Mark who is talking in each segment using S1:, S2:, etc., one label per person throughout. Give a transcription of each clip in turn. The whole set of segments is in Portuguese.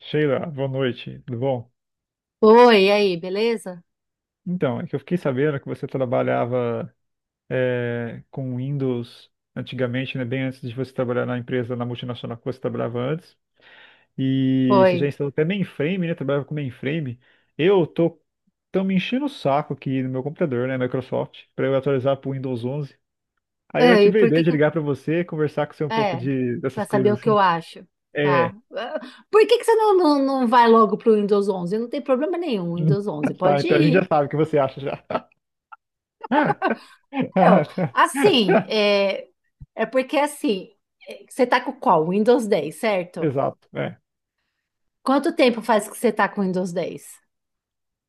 S1: Sheila, boa noite, tudo bom?
S2: Oi, e aí, beleza?
S1: Então, é que eu fiquei sabendo que você trabalhava com Windows antigamente, né, bem antes de você trabalhar na empresa, na multinacional que você trabalhava antes, e você já
S2: Oi.
S1: instalou até mainframe, né, trabalhava com mainframe. Eu tô, Tão me enchendo o saco aqui no meu computador, né, Microsoft, para eu atualizar para o Windows 11. Aí eu
S2: E
S1: tive a
S2: por
S1: ideia
S2: que
S1: de
S2: que...
S1: ligar para você, conversar com você um pouco
S2: É, pra
S1: dessas
S2: saber o
S1: coisas
S2: que eu
S1: assim.
S2: acho,
S1: É,
S2: tá? Por que que você não vai logo pro Windows 11? Não tem problema nenhum, Windows 11,
S1: tá,
S2: pode
S1: então a gente já
S2: ir.
S1: sabe o que você acha já.
S2: Eu, assim, é, É porque, assim, você tá com qual? Windows 10, certo?
S1: Exato, é.
S2: Quanto tempo faz que você tá com Windows 10?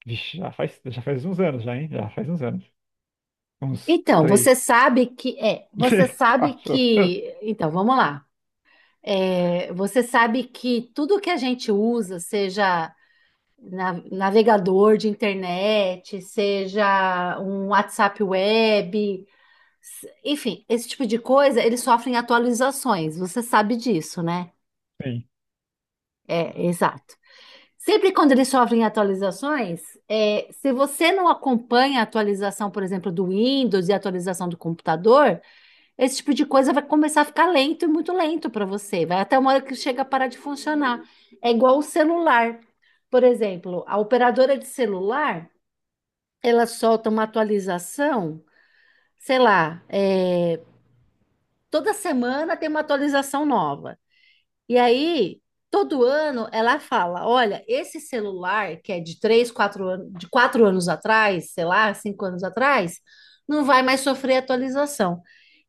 S1: Vixe, já faz uns anos já, hein? Já faz uns anos. Uns três,
S2: Você sabe
S1: quatro.
S2: que... Então, vamos lá. Você sabe que tudo que a gente usa, seja... navegador de internet, seja um WhatsApp web, enfim, esse tipo de coisa, eles sofrem atualizações. Você sabe disso, né?
S1: Sim,
S2: É, exato. Sempre quando eles sofrem atualizações, se você não acompanha a atualização, por exemplo, do Windows e a atualização do computador, esse tipo de coisa vai começar a ficar lento e muito lento para você. Vai até uma hora que chega a parar de funcionar. É igual o celular. Por exemplo, a operadora de celular ela solta uma atualização, sei lá, toda semana tem uma atualização nova. E aí, todo ano, ela fala: olha, esse celular que é de 3, 4 anos, de 4 anos atrás, sei lá, 5 anos atrás, não vai mais sofrer atualização.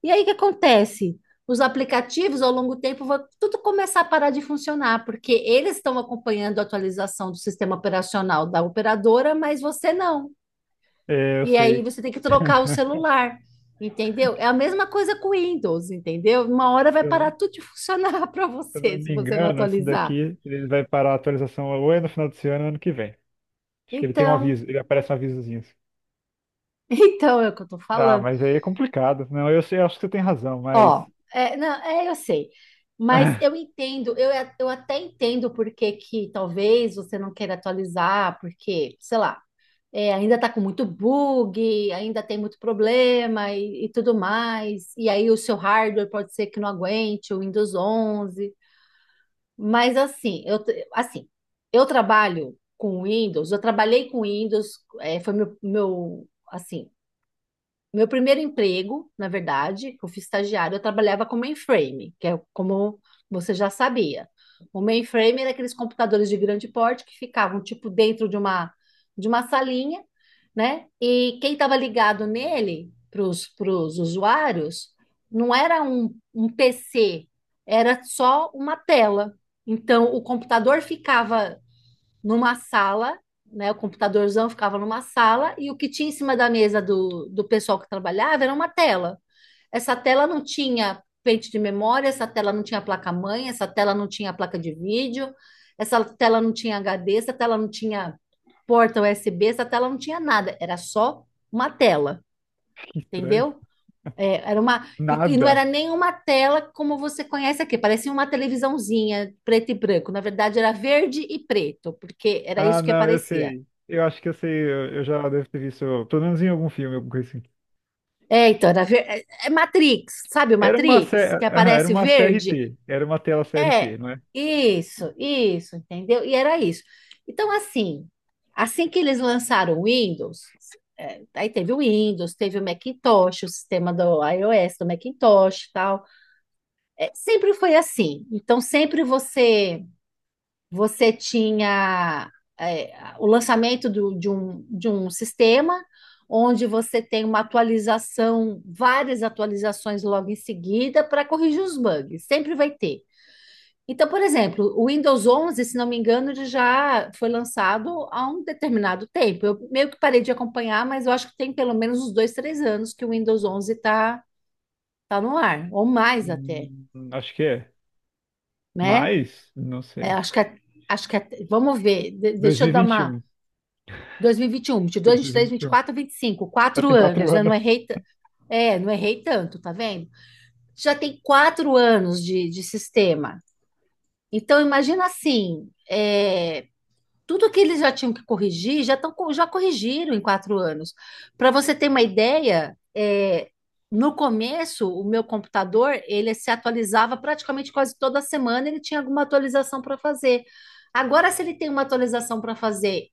S2: E aí, o que acontece? Os aplicativos, ao longo do tempo, vão tudo começar a parar de funcionar, porque eles estão acompanhando a atualização do sistema operacional da operadora, mas você não.
S1: é, eu
S2: E aí
S1: sei.
S2: você tem que trocar o celular, entendeu? É a mesma coisa com o Windows, entendeu? Uma hora vai parar tudo de funcionar para
S1: Se eu não
S2: você se
S1: me
S2: você não
S1: engano, esse
S2: atualizar.
S1: daqui ele vai parar a atualização ou é no final desse ano ou ano que vem. Acho que ele tem um
S2: Então,
S1: aviso, ele aparece um avisozinho assim.
S2: então é o que eu tô
S1: Ah,
S2: falando.
S1: mas aí é complicado. Não, eu sei, eu acho que você tem razão, mas.
S2: Ó, é, não, é, eu sei. Mas eu entendo, eu até entendo por que que talvez você não queira atualizar, porque, sei lá, ainda tá com muito bug, ainda tem muito problema e tudo mais. E aí o seu hardware pode ser que não aguente, o Windows 11. Mas assim, assim, eu trabalho com Windows, eu trabalhei com Windows, foi assim, meu primeiro emprego, na verdade, eu fui estagiário, eu trabalhava com mainframe, que é como você já sabia. O mainframe era aqueles computadores de grande porte que ficavam tipo dentro de uma salinha, né? E quem estava ligado nele para os usuários não era um PC, era só uma tela. Então o computador ficava numa sala, né? O computadorzão ficava numa sala e o que tinha em cima da mesa do, do pessoal que trabalhava era uma tela. Essa tela não tinha pente de memória, essa tela não tinha placa-mãe, essa tela não tinha placa de vídeo, essa tela não tinha HD, essa tela não tinha porta USB, essa tela não tinha nada, era só uma tela,
S1: Que estranho.
S2: entendeu? E não
S1: Nada.
S2: era nem uma tela como você conhece aqui, parecia uma televisãozinha preto e branco. Na verdade, era verde e preto, porque era
S1: Ah,
S2: isso que
S1: não, eu
S2: aparecia.
S1: sei. Eu acho que eu sei, eu já devo ter visto, pelo menos em algum filme, alguma coisa assim.
S2: Então, é Matrix, sabe o
S1: Era uma, C...
S2: Matrix? Que
S1: ah, era
S2: aparece
S1: uma
S2: verde?
S1: CRT, era uma tela
S2: É,
S1: CRT, não é?
S2: isso, entendeu? E era isso. Então, assim, assim que eles lançaram o Windows, aí teve o Windows, teve o Macintosh, o sistema do iOS, do Macintosh e tal. É, sempre foi assim. Então, sempre você você tinha é, o lançamento de um sistema onde você tem uma atualização, várias atualizações logo em seguida para corrigir os bugs. Sempre vai ter. Então, por exemplo, o Windows 11, se não me engano, ele já foi lançado há um determinado tempo. Eu meio que parei de acompanhar, mas eu acho que tem pelo menos uns dois, três anos que o Windows 11 está tá tá no ar, ou mais até,
S1: Hum, acho que é.
S2: né?
S1: Mas, não
S2: É,
S1: sei.
S2: acho que, a- Acho que vamos ver, deixa eu dar uma...
S1: 2021.
S2: 2021, 22, 23,
S1: 2021.
S2: 24, 25,
S1: Já
S2: quatro vinte e cinco,
S1: tem
S2: 4 anos,
S1: quatro
S2: né?
S1: anos.
S2: Não errei tanto, tá vendo? Já tem 4 anos de sistema. Então, imagina assim, tudo que eles já tinham que corrigir, já corrigiram em 4 anos. Para você ter uma ideia, no começo, o meu computador, ele se atualizava praticamente quase toda semana, ele tinha alguma atualização para fazer. Agora, se ele tem uma atualização para fazer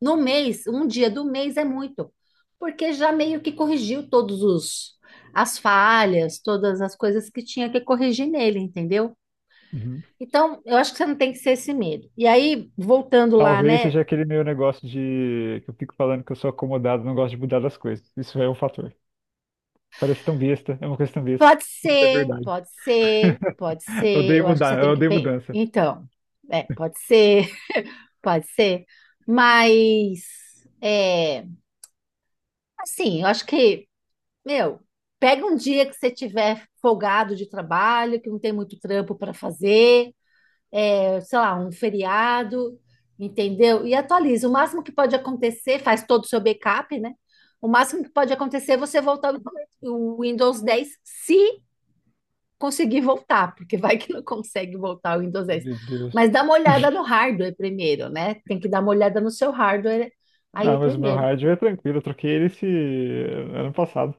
S2: no mês, um dia do mês é muito, porque já meio que corrigiu todos os as falhas, todas as coisas que tinha que corrigir nele, entendeu?
S1: Uhum.
S2: Então, eu acho que você não tem que ser esse medo. E aí, voltando lá,
S1: Talvez
S2: né?
S1: seja aquele meu negócio de que eu fico falando que eu sou acomodado, não gosto de mudar das coisas. Isso é um fator. Parece tão besta, é uma coisa tão besta.
S2: Pode
S1: Mas é
S2: ser,
S1: verdade.
S2: pode ser, pode
S1: Eu
S2: ser. Eu
S1: odeio
S2: acho que você
S1: mudar,
S2: tem
S1: eu
S2: que
S1: odeio
S2: pensar.
S1: mudança.
S2: Então, pode ser, pode ser. Mas, é, assim, eu acho que... Meu, pega um dia que você tiver folgado de trabalho, que não tem muito trampo para fazer, sei lá, um feriado, entendeu? E atualiza. O máximo que pode acontecer, faz todo o seu backup, né? O máximo que pode acontecer é você voltar o Windows 10 se conseguir voltar, porque vai que não consegue voltar o Windows dez.
S1: Meu
S2: Mas
S1: Deus.
S2: dá uma olhada no hardware primeiro, né? Tem que dar uma olhada no seu hardware aí
S1: Não, mas o meu
S2: primeiro.
S1: rádio é tranquilo. Eu troquei ele esse ano passado.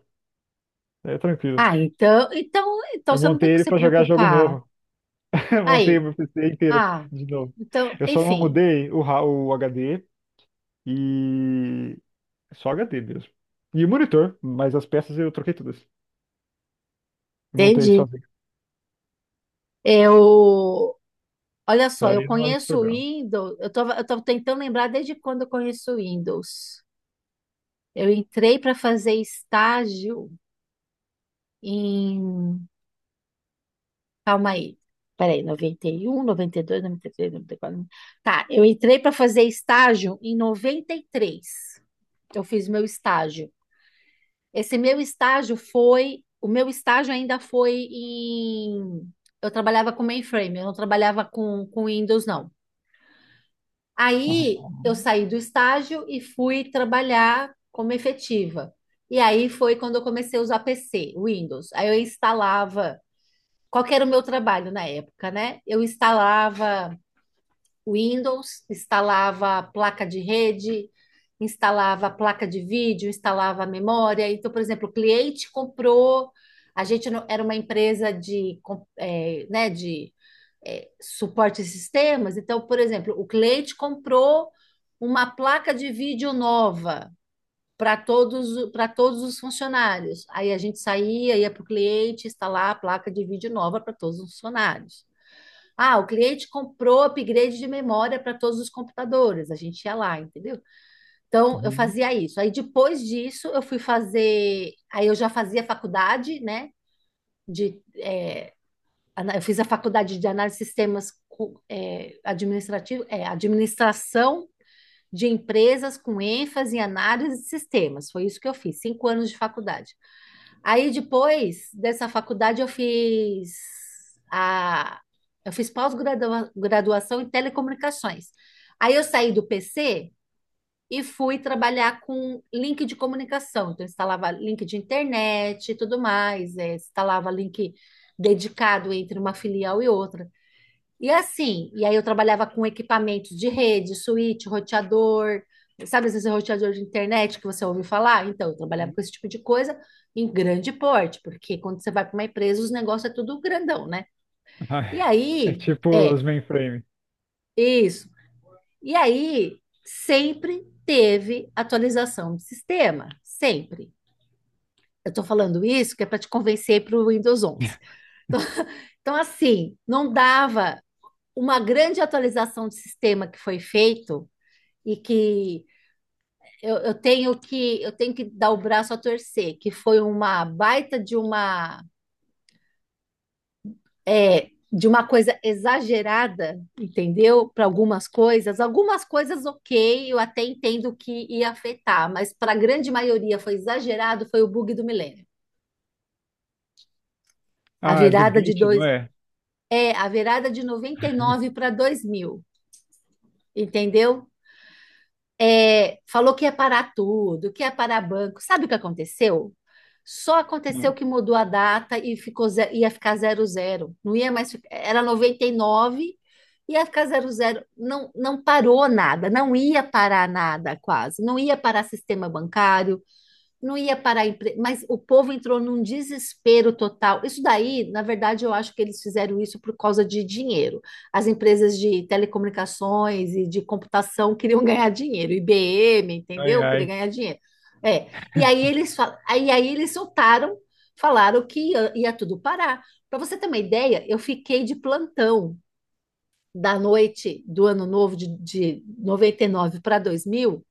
S1: É tranquilo.
S2: Ah, então
S1: Eu
S2: você não tem
S1: montei
S2: que
S1: ele
S2: se
S1: pra jogar jogo
S2: preocupar.
S1: novo. Eu montei o
S2: Aí,
S1: meu PC inteiro
S2: Ah,
S1: de novo.
S2: então,
S1: Eu só não
S2: enfim,
S1: mudei o HD. E só HD mesmo. E o monitor, mas as peças eu troquei todas. Montei
S2: entendi.
S1: sozinho.
S2: Eu, Olha só, eu
S1: Aí não é esse
S2: conheço o
S1: problema.
S2: Windows, eu tô tentando lembrar desde quando eu conheço o Windows. Eu entrei para fazer estágio em, calma aí, peraí, noventa e um, dois, três, 94. Tá, eu entrei para fazer estágio em 93. Eu fiz meu estágio. Esse meu estágio foi, o meu estágio ainda foi em, Eu trabalhava com mainframe, eu não trabalhava com Windows, não. Aí eu
S1: Uhum.
S2: saí do estágio e fui trabalhar como efetiva. E aí foi quando eu comecei a usar PC, Windows. Aí eu instalava, qual que era o meu trabalho na época, né? Eu instalava Windows, instalava placa de rede, instalava placa de vídeo, instalava memória. Então, por exemplo, a gente era uma empresa de, né, suporte a sistemas. Então, por exemplo, o cliente comprou uma placa de vídeo nova para todos os funcionários. Aí a gente saía, ia para o cliente instalar a placa de vídeo nova para todos os funcionários. Ah, o cliente comprou upgrade de memória para todos os computadores. A gente ia lá, entendeu? Então, eu
S1: Uhum.
S2: fazia isso. Aí, depois disso, eu fui fazer. Aí, eu já fazia faculdade, né? De, é, eu fiz a faculdade de análise de sistemas administração de empresas com ênfase em análise de sistemas. Foi isso que eu fiz, 5 anos de faculdade. Aí depois dessa faculdade a eu fiz pós-graduação em telecomunicações. Aí eu saí do PC e fui trabalhar com link de comunicação. Então eu instalava link de internet e tudo mais, instalava link dedicado entre uma filial e outra. E aí eu trabalhava com equipamentos de rede, switch, roteador, sabe esse roteador de internet que você ouviu falar? Então, eu trabalhava com esse tipo de coisa em grande porte, porque quando você vai para uma empresa, os negócios é tudo grandão, né? E
S1: Ai, é
S2: aí,
S1: tipo os mainframe.
S2: isso. E aí, sempre teve atualização de sistema, sempre. Eu estou falando isso que é para te convencer para o Windows 11. Então, assim, não dava uma grande atualização de sistema que foi feito e que eu tenho que dar o braço a torcer, que foi uma baita de uma de uma coisa exagerada, entendeu? Para algumas coisas ok, eu até entendo que ia afetar, mas para a grande maioria foi exagerado, foi o bug do milênio. A
S1: Ah, é do
S2: virada de
S1: Beat,
S2: dois,
S1: não é?
S2: a virada de 99 para 2000, entendeu? Falou que ia parar tudo, que ia parar banco. Sabe o que aconteceu? Só aconteceu
S1: Hum.
S2: que mudou a data e ficou, ia ficar zero zero. Não ia mais, era 99, ia ficar zero zero. Não, não parou nada, não ia parar nada quase. Não ia parar sistema bancário, não ia parar a empresa, mas o povo entrou num desespero total. Isso daí, na verdade, eu acho que eles fizeram isso por causa de dinheiro. As empresas de telecomunicações e de computação queriam ganhar dinheiro, IBM,
S1: Ai,
S2: entendeu? Queria
S1: ai.
S2: ganhar dinheiro. É. E aí aí eles soltaram, falaram que ia tudo parar. Para você ter uma ideia, eu fiquei de plantão da noite do ano novo de 99 para 2000,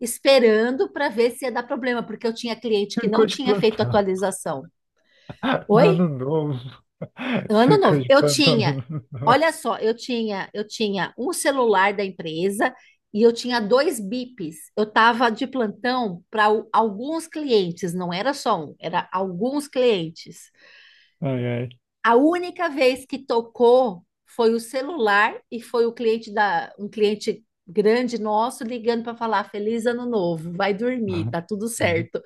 S2: esperando para ver se ia dar problema, porque eu tinha cliente que não
S1: Ficou de
S2: tinha feito
S1: plantão.
S2: atualização.
S1: No
S2: Oi?
S1: ano novo.
S2: Ano
S1: Ficou
S2: novo.
S1: de plantão de ano novo.
S2: Olha só, eu tinha um celular da empresa e eu tinha dois bips. Eu estava de plantão para alguns clientes, não era só um, era alguns clientes.
S1: Ai, ai.
S2: A única vez que tocou foi o celular e foi o cliente da um cliente grande nosso ligando para falar feliz ano novo, vai dormir,
S1: Uhum.
S2: tá tudo certo.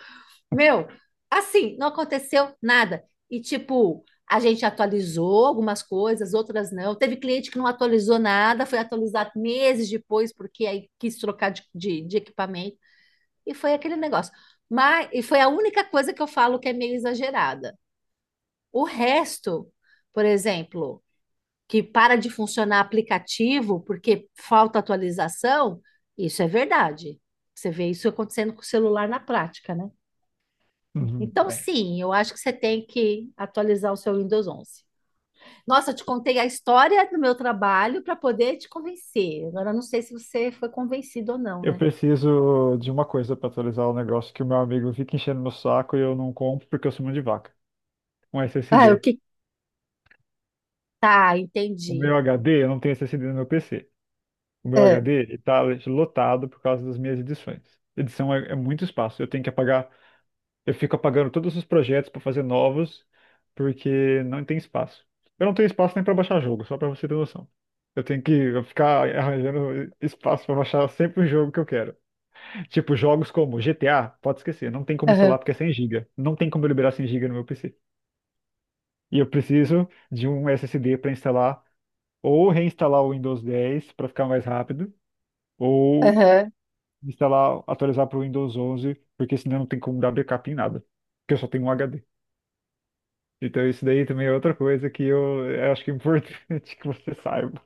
S2: Meu, assim, não aconteceu nada. E, tipo, a gente atualizou algumas coisas, outras não. Teve cliente que não atualizou nada, foi atualizar meses depois, porque aí quis trocar de equipamento. E foi aquele negócio. Mas, e foi a única coisa que eu falo que é meio exagerada. O resto, por exemplo, que para de funcionar aplicativo porque falta atualização, isso é verdade. Você vê isso acontecendo com o celular na prática, né?
S1: Uhum.
S2: Então,
S1: É.
S2: sim, eu acho que você tem que atualizar o seu Windows 11. Nossa, eu te contei a história do meu trabalho para poder te convencer. Agora, eu não sei se você foi convencido ou não,
S1: Eu
S2: né?
S1: preciso de uma coisa para atualizar o negócio que o meu amigo fica enchendo meu saco e eu não compro porque eu sou mão de vaca. Um
S2: Ah, o
S1: SSD.
S2: que... Tá,
S1: O
S2: entendi.
S1: meu HD, eu não tenho SSD no meu PC. O meu
S2: É,
S1: HD está lotado por causa das minhas edições. Edição é muito espaço. Eu tenho que apagar, eu fico apagando todos os projetos para fazer novos, porque não tem espaço. Eu não tenho espaço nem para baixar jogo, só para você ter noção. Eu tenho que ficar arranjando espaço para baixar sempre o jogo que eu quero. Tipo, jogos como GTA, pode esquecer, não tem como
S2: aham,
S1: instalar porque é 100 GB. Não tem como eu liberar 100 GB no meu PC. E eu preciso de um SSD para instalar ou reinstalar o Windows 10 para ficar mais rápido, ou
S2: aham.
S1: instalar, atualizar para o Windows 11, porque senão não tem como dar backup em nada, porque eu só tenho um HD. Então isso daí também é outra coisa que eu acho que é importante que você saiba.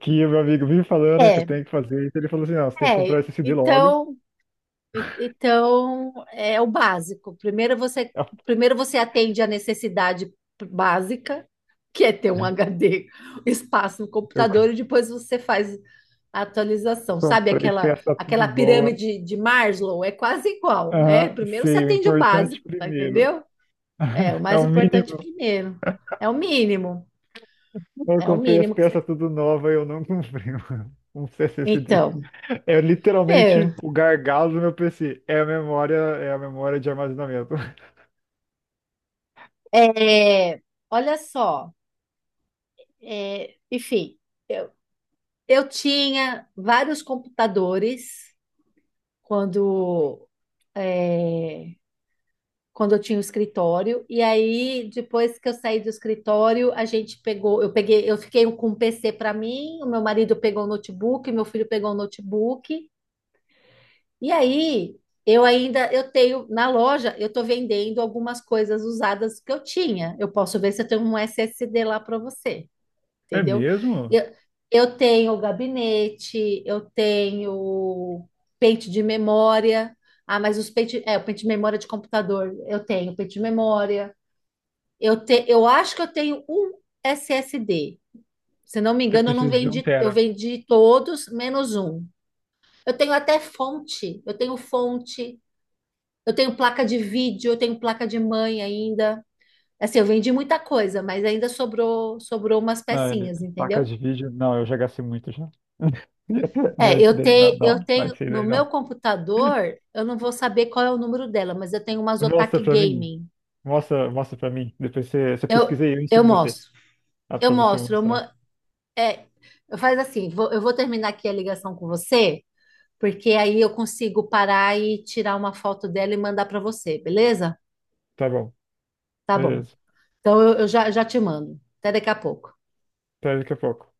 S1: Que o meu amigo me falando que eu
S2: É,
S1: tenho que fazer isso, ele falou assim, não, você tem que comprar
S2: É.
S1: SSD logo.
S2: Então, então, é o básico. Primeiro você atende a necessidade básica, que é ter um HD, espaço no
S1: Eu
S2: computador, e depois você faz a atualização. Sabe
S1: comprei
S2: aquela,
S1: peça
S2: aquela
S1: tudo boa.
S2: pirâmide de Maslow? É quase igual, né?
S1: Aham,
S2: Primeiro você
S1: sei, o
S2: atende o
S1: importante
S2: básico, tá
S1: primeiro.
S2: entendeu? É, o
S1: É
S2: mais
S1: o
S2: importante
S1: mínimo.
S2: primeiro. É o mínimo.
S1: Eu
S2: É o
S1: comprei as
S2: mínimo que você...
S1: peças tudo nova e eu não comprei um SSD.
S2: Então,
S1: É
S2: meu,
S1: literalmente o gargalo do meu PC. É a memória de armazenamento.
S2: é, olha só, enfim. Eu tinha vários computadores quando, é, quando eu tinha o escritório, e aí depois que eu saí do escritório, eu peguei, eu fiquei com um PC para mim, o meu marido pegou o notebook, meu filho pegou o notebook, e aí eu tenho na loja, eu estou vendendo algumas coisas usadas que eu tinha. Eu posso ver se eu tenho um SSD lá para você,
S1: É
S2: entendeu?
S1: mesmo?
S2: Eu, eu tenho gabinete, eu tenho pente de memória. O pente de memória de computador, eu tenho pente de memória. Eu acho que eu tenho um SSD. Se não me
S1: Eu
S2: engano, eu não
S1: preciso de um
S2: vendi, eu
S1: tera.
S2: vendi todos menos um. Eu tenho até fonte, eu tenho placa de vídeo, eu tenho placa de mãe ainda. Assim, eu vendi muita coisa, mas ainda sobrou, sobrou umas
S1: Ah,
S2: pecinhas,
S1: placas
S2: entendeu?
S1: de vídeo? Não, eu já gastei muito já. Não, isso daí não, não,
S2: Eu
S1: não,
S2: tenho
S1: isso
S2: no
S1: daí
S2: meu
S1: não.
S2: computador, eu não vou saber qual é o número dela, mas eu tenho umas Otaku
S1: Mostra pra mim.
S2: Gaming.
S1: Mostra, mostra pra mim. Depois você
S2: Eu,
S1: pesquisa aí, eu
S2: eu
S1: ensino você.
S2: mostro,
S1: Ah,
S2: eu
S1: pra você
S2: mostro.
S1: mostrar.
S2: É, eu faz assim, eu vou terminar aqui a ligação com você, porque aí eu consigo parar e tirar uma foto dela e mandar para você, beleza?
S1: Tá bom.
S2: Tá bom.
S1: Beleza.
S2: Eu já te mando. Até daqui a pouco.
S1: Até daqui a pouco.